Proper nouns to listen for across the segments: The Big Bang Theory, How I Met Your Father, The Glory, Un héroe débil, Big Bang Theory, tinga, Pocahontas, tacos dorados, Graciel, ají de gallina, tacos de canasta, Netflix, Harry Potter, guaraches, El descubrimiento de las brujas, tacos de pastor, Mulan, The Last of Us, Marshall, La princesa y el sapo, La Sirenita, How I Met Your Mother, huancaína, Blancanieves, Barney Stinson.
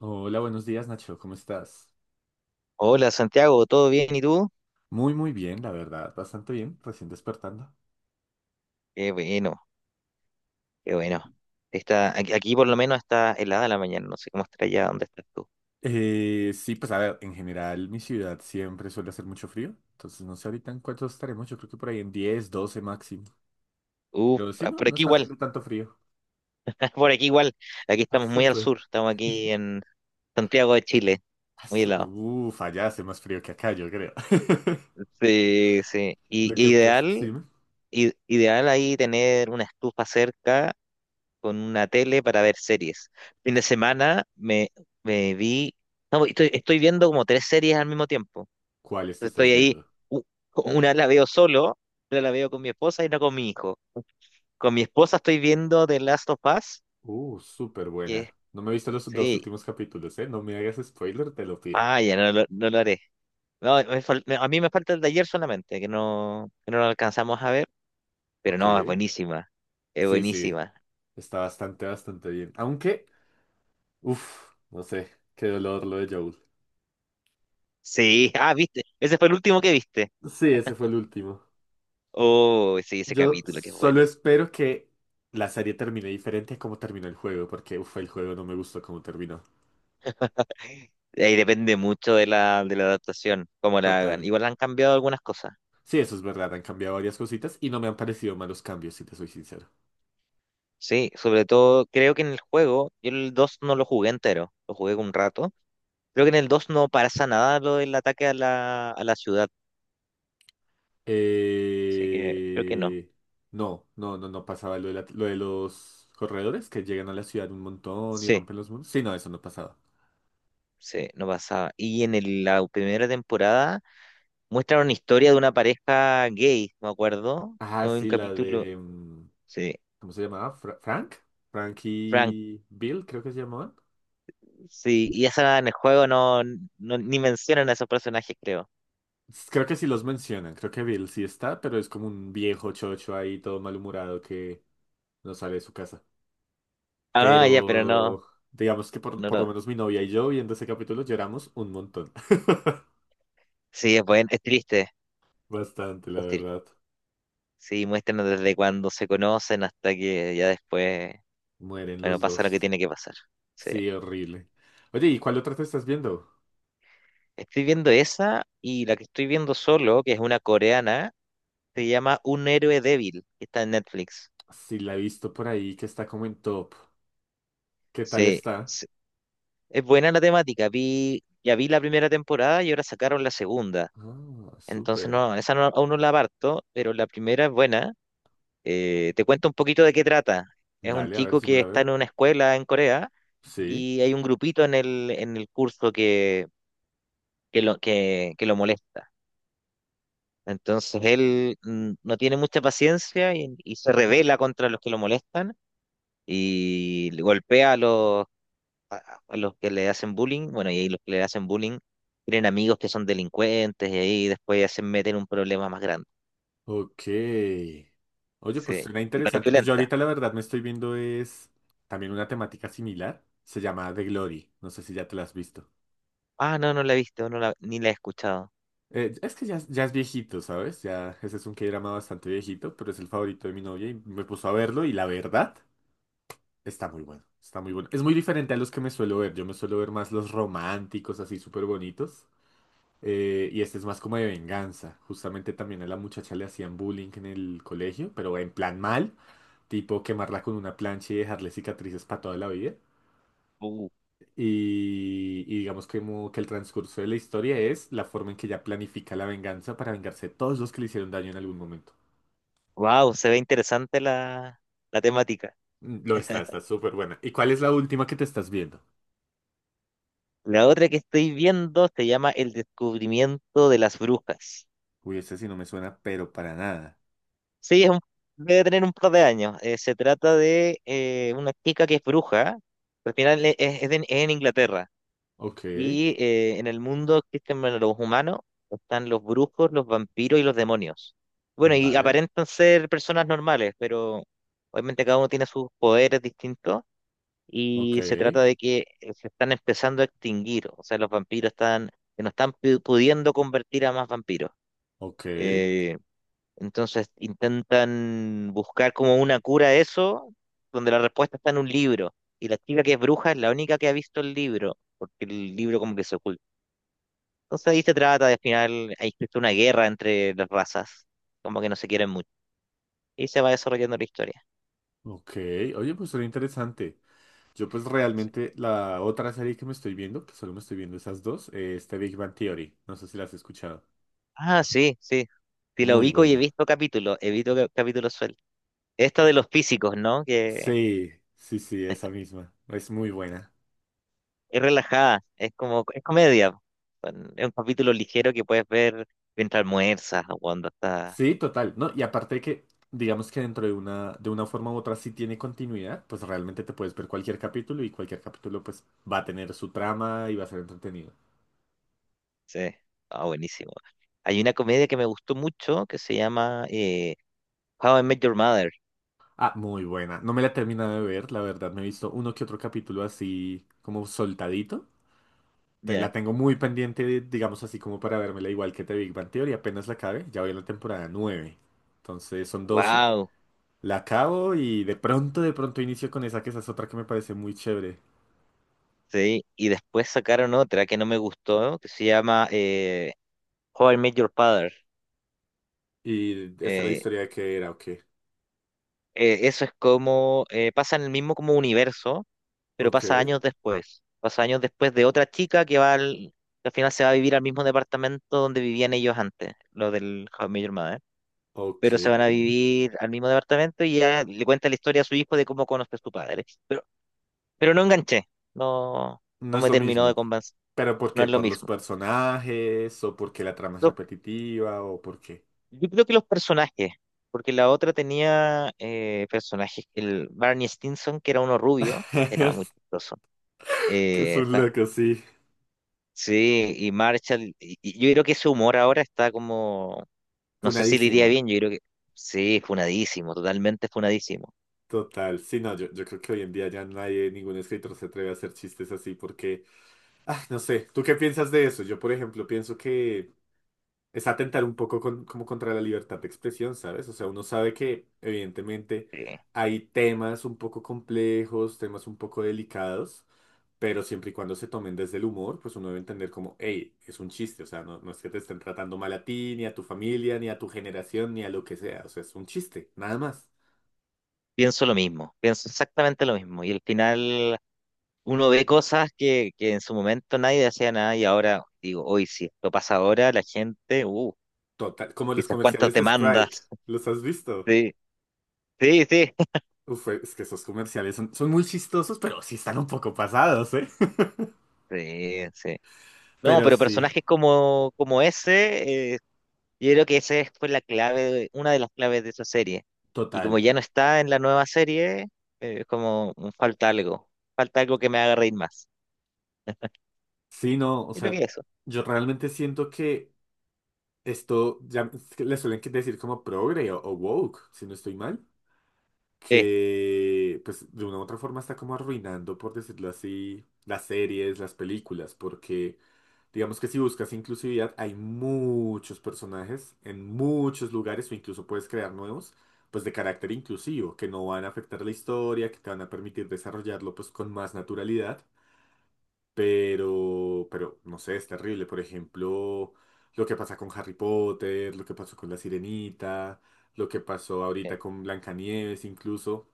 Hola, buenos días, Nacho, ¿cómo estás? Hola Santiago, ¿todo bien? ¿Y tú? Muy, muy bien, la verdad, bastante bien, recién despertando. Qué bueno, qué bueno. Está, aquí, aquí por lo menos está helada la mañana, no sé cómo estará allá, ¿dónde estás tú? Sí, pues a ver, en general mi ciudad siempre suele hacer mucho frío, entonces no sé ahorita en cuánto estaremos, yo creo que por ahí en 10-12 máximo. Uf, Pero sí, ah, no, por no aquí está igual, haciendo tanto frío. por aquí igual. Aquí Ah, estamos muy al súper. sur, estamos aquí en Santiago de Chile, Ah, muy helado. uf, allá hace más frío que acá, yo creo. Sí, sí. Y, Lo que y pasa, sí, ideal, ¿me? Ideal ahí tener una estufa cerca con una tele para ver series. Fin de semana me, me vi, no, estoy, estoy viendo como tres series al mismo tiempo. ¿Cuáles Pero te estás estoy ahí, viendo? u- una la veo solo, otra la veo con mi esposa y no con mi hijo. Con mi esposa estoy viendo The Last of Us, Súper y es- buena. No me he visto los dos sí, últimos capítulos, ¿eh? No me hagas spoiler, te lo pido. vaya, no, no lo haré. No, a mí me falta el de ayer solamente, que no lo alcanzamos a ver, pero Ok. no, es buenísima, es Sí, sí. buenísima. Está bastante, bastante bien. Aunque, uff, no sé, qué dolor lo de Joel. Sí, ah, viste, ese fue el último que viste. Sí, ese fue el último. Oh, sí, ese Yo capítulo que es bueno. solo espero que la serie termine diferente a cómo terminó el juego, porque uff, el juego no me gustó cómo terminó. Ahí depende mucho de la adaptación, cómo la hagan. Total. Igual han cambiado algunas cosas. Sí, eso es verdad, han cambiado varias cositas y no me han parecido malos cambios, si te soy sincero. Sí, sobre todo creo que en el juego, yo el 2 no lo jugué entero, lo jugué un rato. Creo que en el 2 no pasa nada lo del ataque a la ciudad, así que creo que no. Eh... No, no, no, no pasaba lo de, lo de los corredores que llegan a la ciudad un montón y Sí, rompen los muros. Sí, no, eso no pasaba. sí, no pasaba. La primera temporada muestran una historia de una pareja gay, me acuerdo, Ah, o un sí, la capítulo, de, sí, ¿cómo se llamaba? Frank. Frank Frank, y Bill, creo que se llamaban. sí, y esa en el juego no, ni mencionan a esos personajes, creo. Creo que sí los mencionan. Creo que Bill sí está, pero es como un viejo chocho ahí, todo malhumorado que no sale de su casa. Ah, ya, pero no, Pero digamos que por, no, por lo menos mi novia y yo viendo ese capítulo lloramos un montón. sí, es bueno, es triste, Bastante, la es triste. verdad. Sí, muéstranos desde cuando se conocen hasta que ya después, Mueren bueno, los pasa lo que dos. tiene que pasar. Sí. Sí, horrible. Oye, ¿y cuál otra te estás viendo? Estoy viendo esa y la que estoy viendo solo, que es una coreana, se llama Un héroe débil, que está en Netflix. Sí, la he visto por ahí que está como en top. ¿Qué tal Sí, está? sí. Es buena la temática. Vi, ya vi la primera temporada y ahora sacaron la segunda. Ah, Entonces súper. no, esa no- aún no la parto, pero la primera es buena. Te cuento un poquito de qué trata. Es un Dale, a ver chico si me que la está veo. en una escuela en Corea Sí. y hay un grupito en el curso que lo molesta. Entonces él no tiene mucha paciencia y se revela contra los que lo molestan y le golpea a los, a los que le hacen bullying. Bueno, y ahí los que le hacen bullying tienen amigos que son delincuentes y ahí después ya se meten en un problema más grande. Ok. Oye, Sí. pues suena y igual es interesante. Pues yo violenta. ahorita la verdad me estoy viendo es también una temática similar. Se llama The Glory. No sé si ya te la has visto. Ah, no, no la he visto, no la, ni la he escuchado. Es que ya, ya es viejito, ¿sabes? Ya ese es un K-drama bastante viejito, pero es el favorito de mi novia y me puso a verlo y la verdad está muy bueno. Está muy bueno. Es muy diferente a los que me suelo ver. Yo me suelo ver más los románticos, así súper bonitos. Y este es más como de venganza. Justamente también a la muchacha le hacían bullying en el colegio, pero en plan mal, tipo quemarla con una plancha y dejarle cicatrices para toda la vida. Y digamos que, como que el transcurso de la historia es la forma en que ella planifica la venganza para vengarse de todos los que le hicieron daño en algún momento. Wow, se ve interesante la, la temática. Está súper buena. ¿Y cuál es la última que te estás viendo? La otra que estoy viendo se llama El descubrimiento de las brujas. Uy, esta sí no me suena, pero para nada. Sí, debe tener un par de años. Se trata de una chica que es bruja. Al final es en Inglaterra. Ok, Y en el mundo existen bueno, los humanos, están los brujos, los vampiros y los demonios. Bueno, y vale, aparentan ser personas normales, pero obviamente cada uno tiene sus poderes distintos. ok, Y se trata de que se están empezando a extinguir. O sea, los vampiros están, que no están pudiendo convertir a más vampiros. ok, Eh, entonces intentan buscar como una cura a eso, donde la respuesta está en un libro. Y la chica que es bruja es la única que ha visto el libro, porque el libro como que se oculta. Entonces ahí se trata de al final, hay existe una guerra entre las razas, como que no se quieren mucho. Y se va desarrollando la historia. ok. Oye, pues suena interesante. Yo pues Sí. realmente la otra serie que me estoy viendo, que solo me estoy viendo esas dos, es The Big Bang Theory. No sé si la has escuchado. Ah, sí, sí. Sí, la Muy ubico y he buena. visto capítulos, he visto capítulos sueltos. Esta de los físicos, ¿no? Que Sí, sí, sí, esa misma. Es muy buena. es relajada, es como, es comedia. Es un capítulo ligero que puedes ver mientras almuerzas o cuando estás. Sí, total, ¿no? Y aparte de que, digamos que dentro de una, forma u otra sí tiene continuidad, pues realmente te puedes ver cualquier capítulo y cualquier capítulo pues va a tener su trama y va a ser entretenido. Sí, ah, buenísimo. Hay una comedia que me gustó mucho que se llama How I Met Your Mother. Ah, muy buena. No me la he terminado de ver, la verdad, me he visto uno que otro capítulo así como soltadito. Ya. La tengo muy pendiente, digamos así como para vérmela igual que The Big Bang Theory, apenas la acabe, ya voy en la temporada 9. Entonces son 12. Wow. La acabo y de pronto inicio con esa, que esa es otra que me parece muy chévere. Sí. Y después sacaron otra que no me gustó que se llama How I Met Your Father. Y está la Eh, historia de que era, ok, eso es como pasa en el mismo como universo, pero pasa ok, años después. Pasa años después de otra chica que va al, que al final se va a vivir al mismo departamento donde vivían ellos antes, lo del How I Met Your Mother. ok. Pero se van a vivir al mismo departamento y ya le cuenta la historia a su hijo de cómo conoce a su padre. Pero no enganché, no, No no es me lo terminó de mismo. convencer, ¿Pero por no qué? es lo ¿Por los mismo. personajes? ¿O porque la trama es Lo- repetitiva? ¿O por qué? yo creo que los personajes, porque la otra tenía personajes, el Barney Stinson, que era uno rubio, era muy chistoso. Que es Eh, un ta- loco, sí. sí, y Marshall, y yo creo que su humor ahora está como, no sé si le iría Punadísimo. bien, yo creo que sí, funadísimo, totalmente funadísimo. Total. Sí, no, yo creo que hoy en día ya nadie, ningún escritor se atreve a hacer chistes así porque, ah, no sé, ¿tú qué piensas de eso? Yo, por ejemplo, pienso que es atentar un poco como contra la libertad de expresión, ¿sabes? O sea, uno sabe que evidentemente Sí. hay temas un poco complejos, temas un poco delicados, pero siempre y cuando se tomen desde el humor, pues uno debe entender como, hey, es un chiste, o sea, no, no es que te estén tratando mal a ti, ni a tu familia, ni a tu generación, ni a lo que sea, o sea, es un chiste, nada más. Pienso lo mismo, pienso exactamente lo mismo. Y al final uno ve cosas que en su momento nadie decía nada y ahora digo, hoy si esto pasa ahora, la gente, Total, como los quizás cuántas comerciales de Sprite, demandas. ¿los has visto? Sí, sí, sí, Uf, es que esos comerciales son muy chistosos, pero sí están un poco pasados, ¿eh? sí, sí. No, Pero pero sí, personajes como, como ese, yo creo que esa fue la clave, una de las claves de esa serie. Y total. como ya no está en la nueva serie, es como falta algo que me haga reír más. Sí, no, o Yo creo sea, que eso. yo realmente siento que esto, ya es que le suelen que decir como progre o woke, si no estoy mal, Sí, sí. que pues de una u otra forma está como arruinando, por decirlo así, las series, las películas, porque digamos que si buscas inclusividad hay muchos personajes en muchos lugares o incluso puedes crear nuevos, pues de carácter inclusivo, que no van a afectar la historia, que te van a permitir desarrollarlo pues con más naturalidad, pero no sé, es terrible. Por ejemplo, lo que pasa con Harry Potter, lo que pasó con La Sirenita, lo que pasó ahorita con Blancanieves, incluso.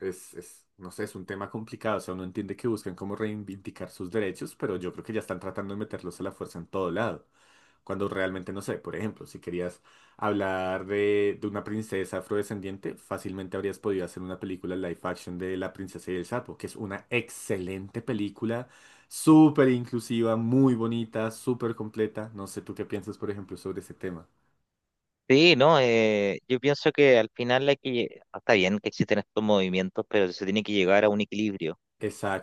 Es, no sé, es un tema complicado. O sea, uno entiende que buscan cómo reivindicar sus derechos, pero yo creo que ya están tratando de meterlos a la fuerza en todo lado. Cuando realmente no sé, por ejemplo, si querías hablar de, una princesa afrodescendiente, fácilmente habrías podido hacer una película live action de La princesa y el sapo, que es una excelente película, súper inclusiva, muy bonita, súper completa. No sé tú qué piensas, por ejemplo, sobre ese tema. Sí, no, yo pienso que al final hay que, está bien que existen estos movimientos, pero se tiene que llegar a un equilibrio.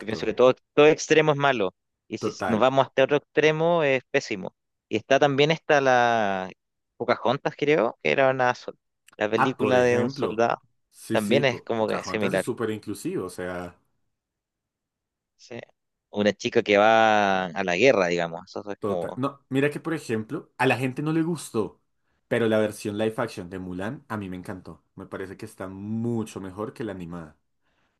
Yo pienso que todo, todo extremo es malo, y si nos total. vamos hasta otro extremo es pésimo. Y está también está la Pocahontas, creo, que era una, la Ah, por película de un ejemplo. soldado, Sí, sí, también es como que Pocahontas es similar. súper inclusivo, o sea, Sí. Una chica que va a la guerra, digamos, eso es total. como... No, mira que, por ejemplo, a la gente no le gustó, pero la versión live action de Mulan a mí me encantó. Me parece que está mucho mejor que la animada.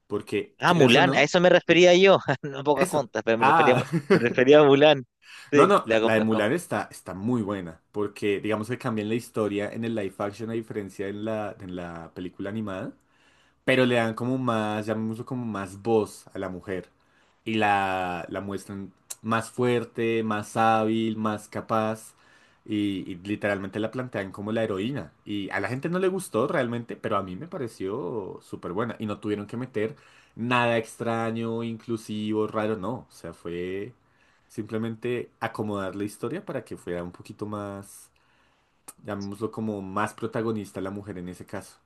Porque, Ah, quieras o Mulan, a no, eso me sí, refería yo, no a eso. Pocahontas, pero Ah. me refería a Mulan. No, Sí, no, la, la la de confundo. Mulan está muy buena, porque digamos que cambian la historia en el live action a diferencia en la película animada, pero le dan como más, llamémoslo como más voz a la mujer y la muestran más fuerte, más hábil, más capaz y literalmente la plantean como la heroína. Y a la gente no le gustó realmente, pero a mí me pareció súper buena y no tuvieron que meter nada extraño, inclusivo, raro, no. O sea, fue simplemente acomodar la historia para que fuera un poquito más, llamémoslo como más protagonista la mujer en ese caso.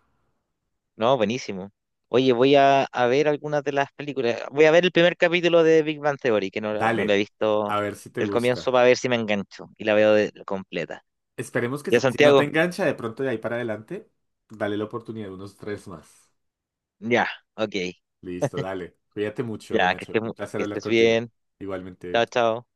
No, buenísimo. Oye, voy a ver algunas de las películas. Voy a ver el primer capítulo de Big Bang Theory, que no la, no la Dale, he visto a ver si te del comienzo gusta. para ver si me engancho y la veo completa. Esperemos que ¿Ya, sí. Si no te Santiago? engancha de pronto de ahí para adelante, dale la oportunidad de unos tres más. Ya, ok. Listo, dale. Cuídate mucho, Ya, que Nacho. estés, Un placer que hablar estés contigo. bien. Igualmente. Chao, chao.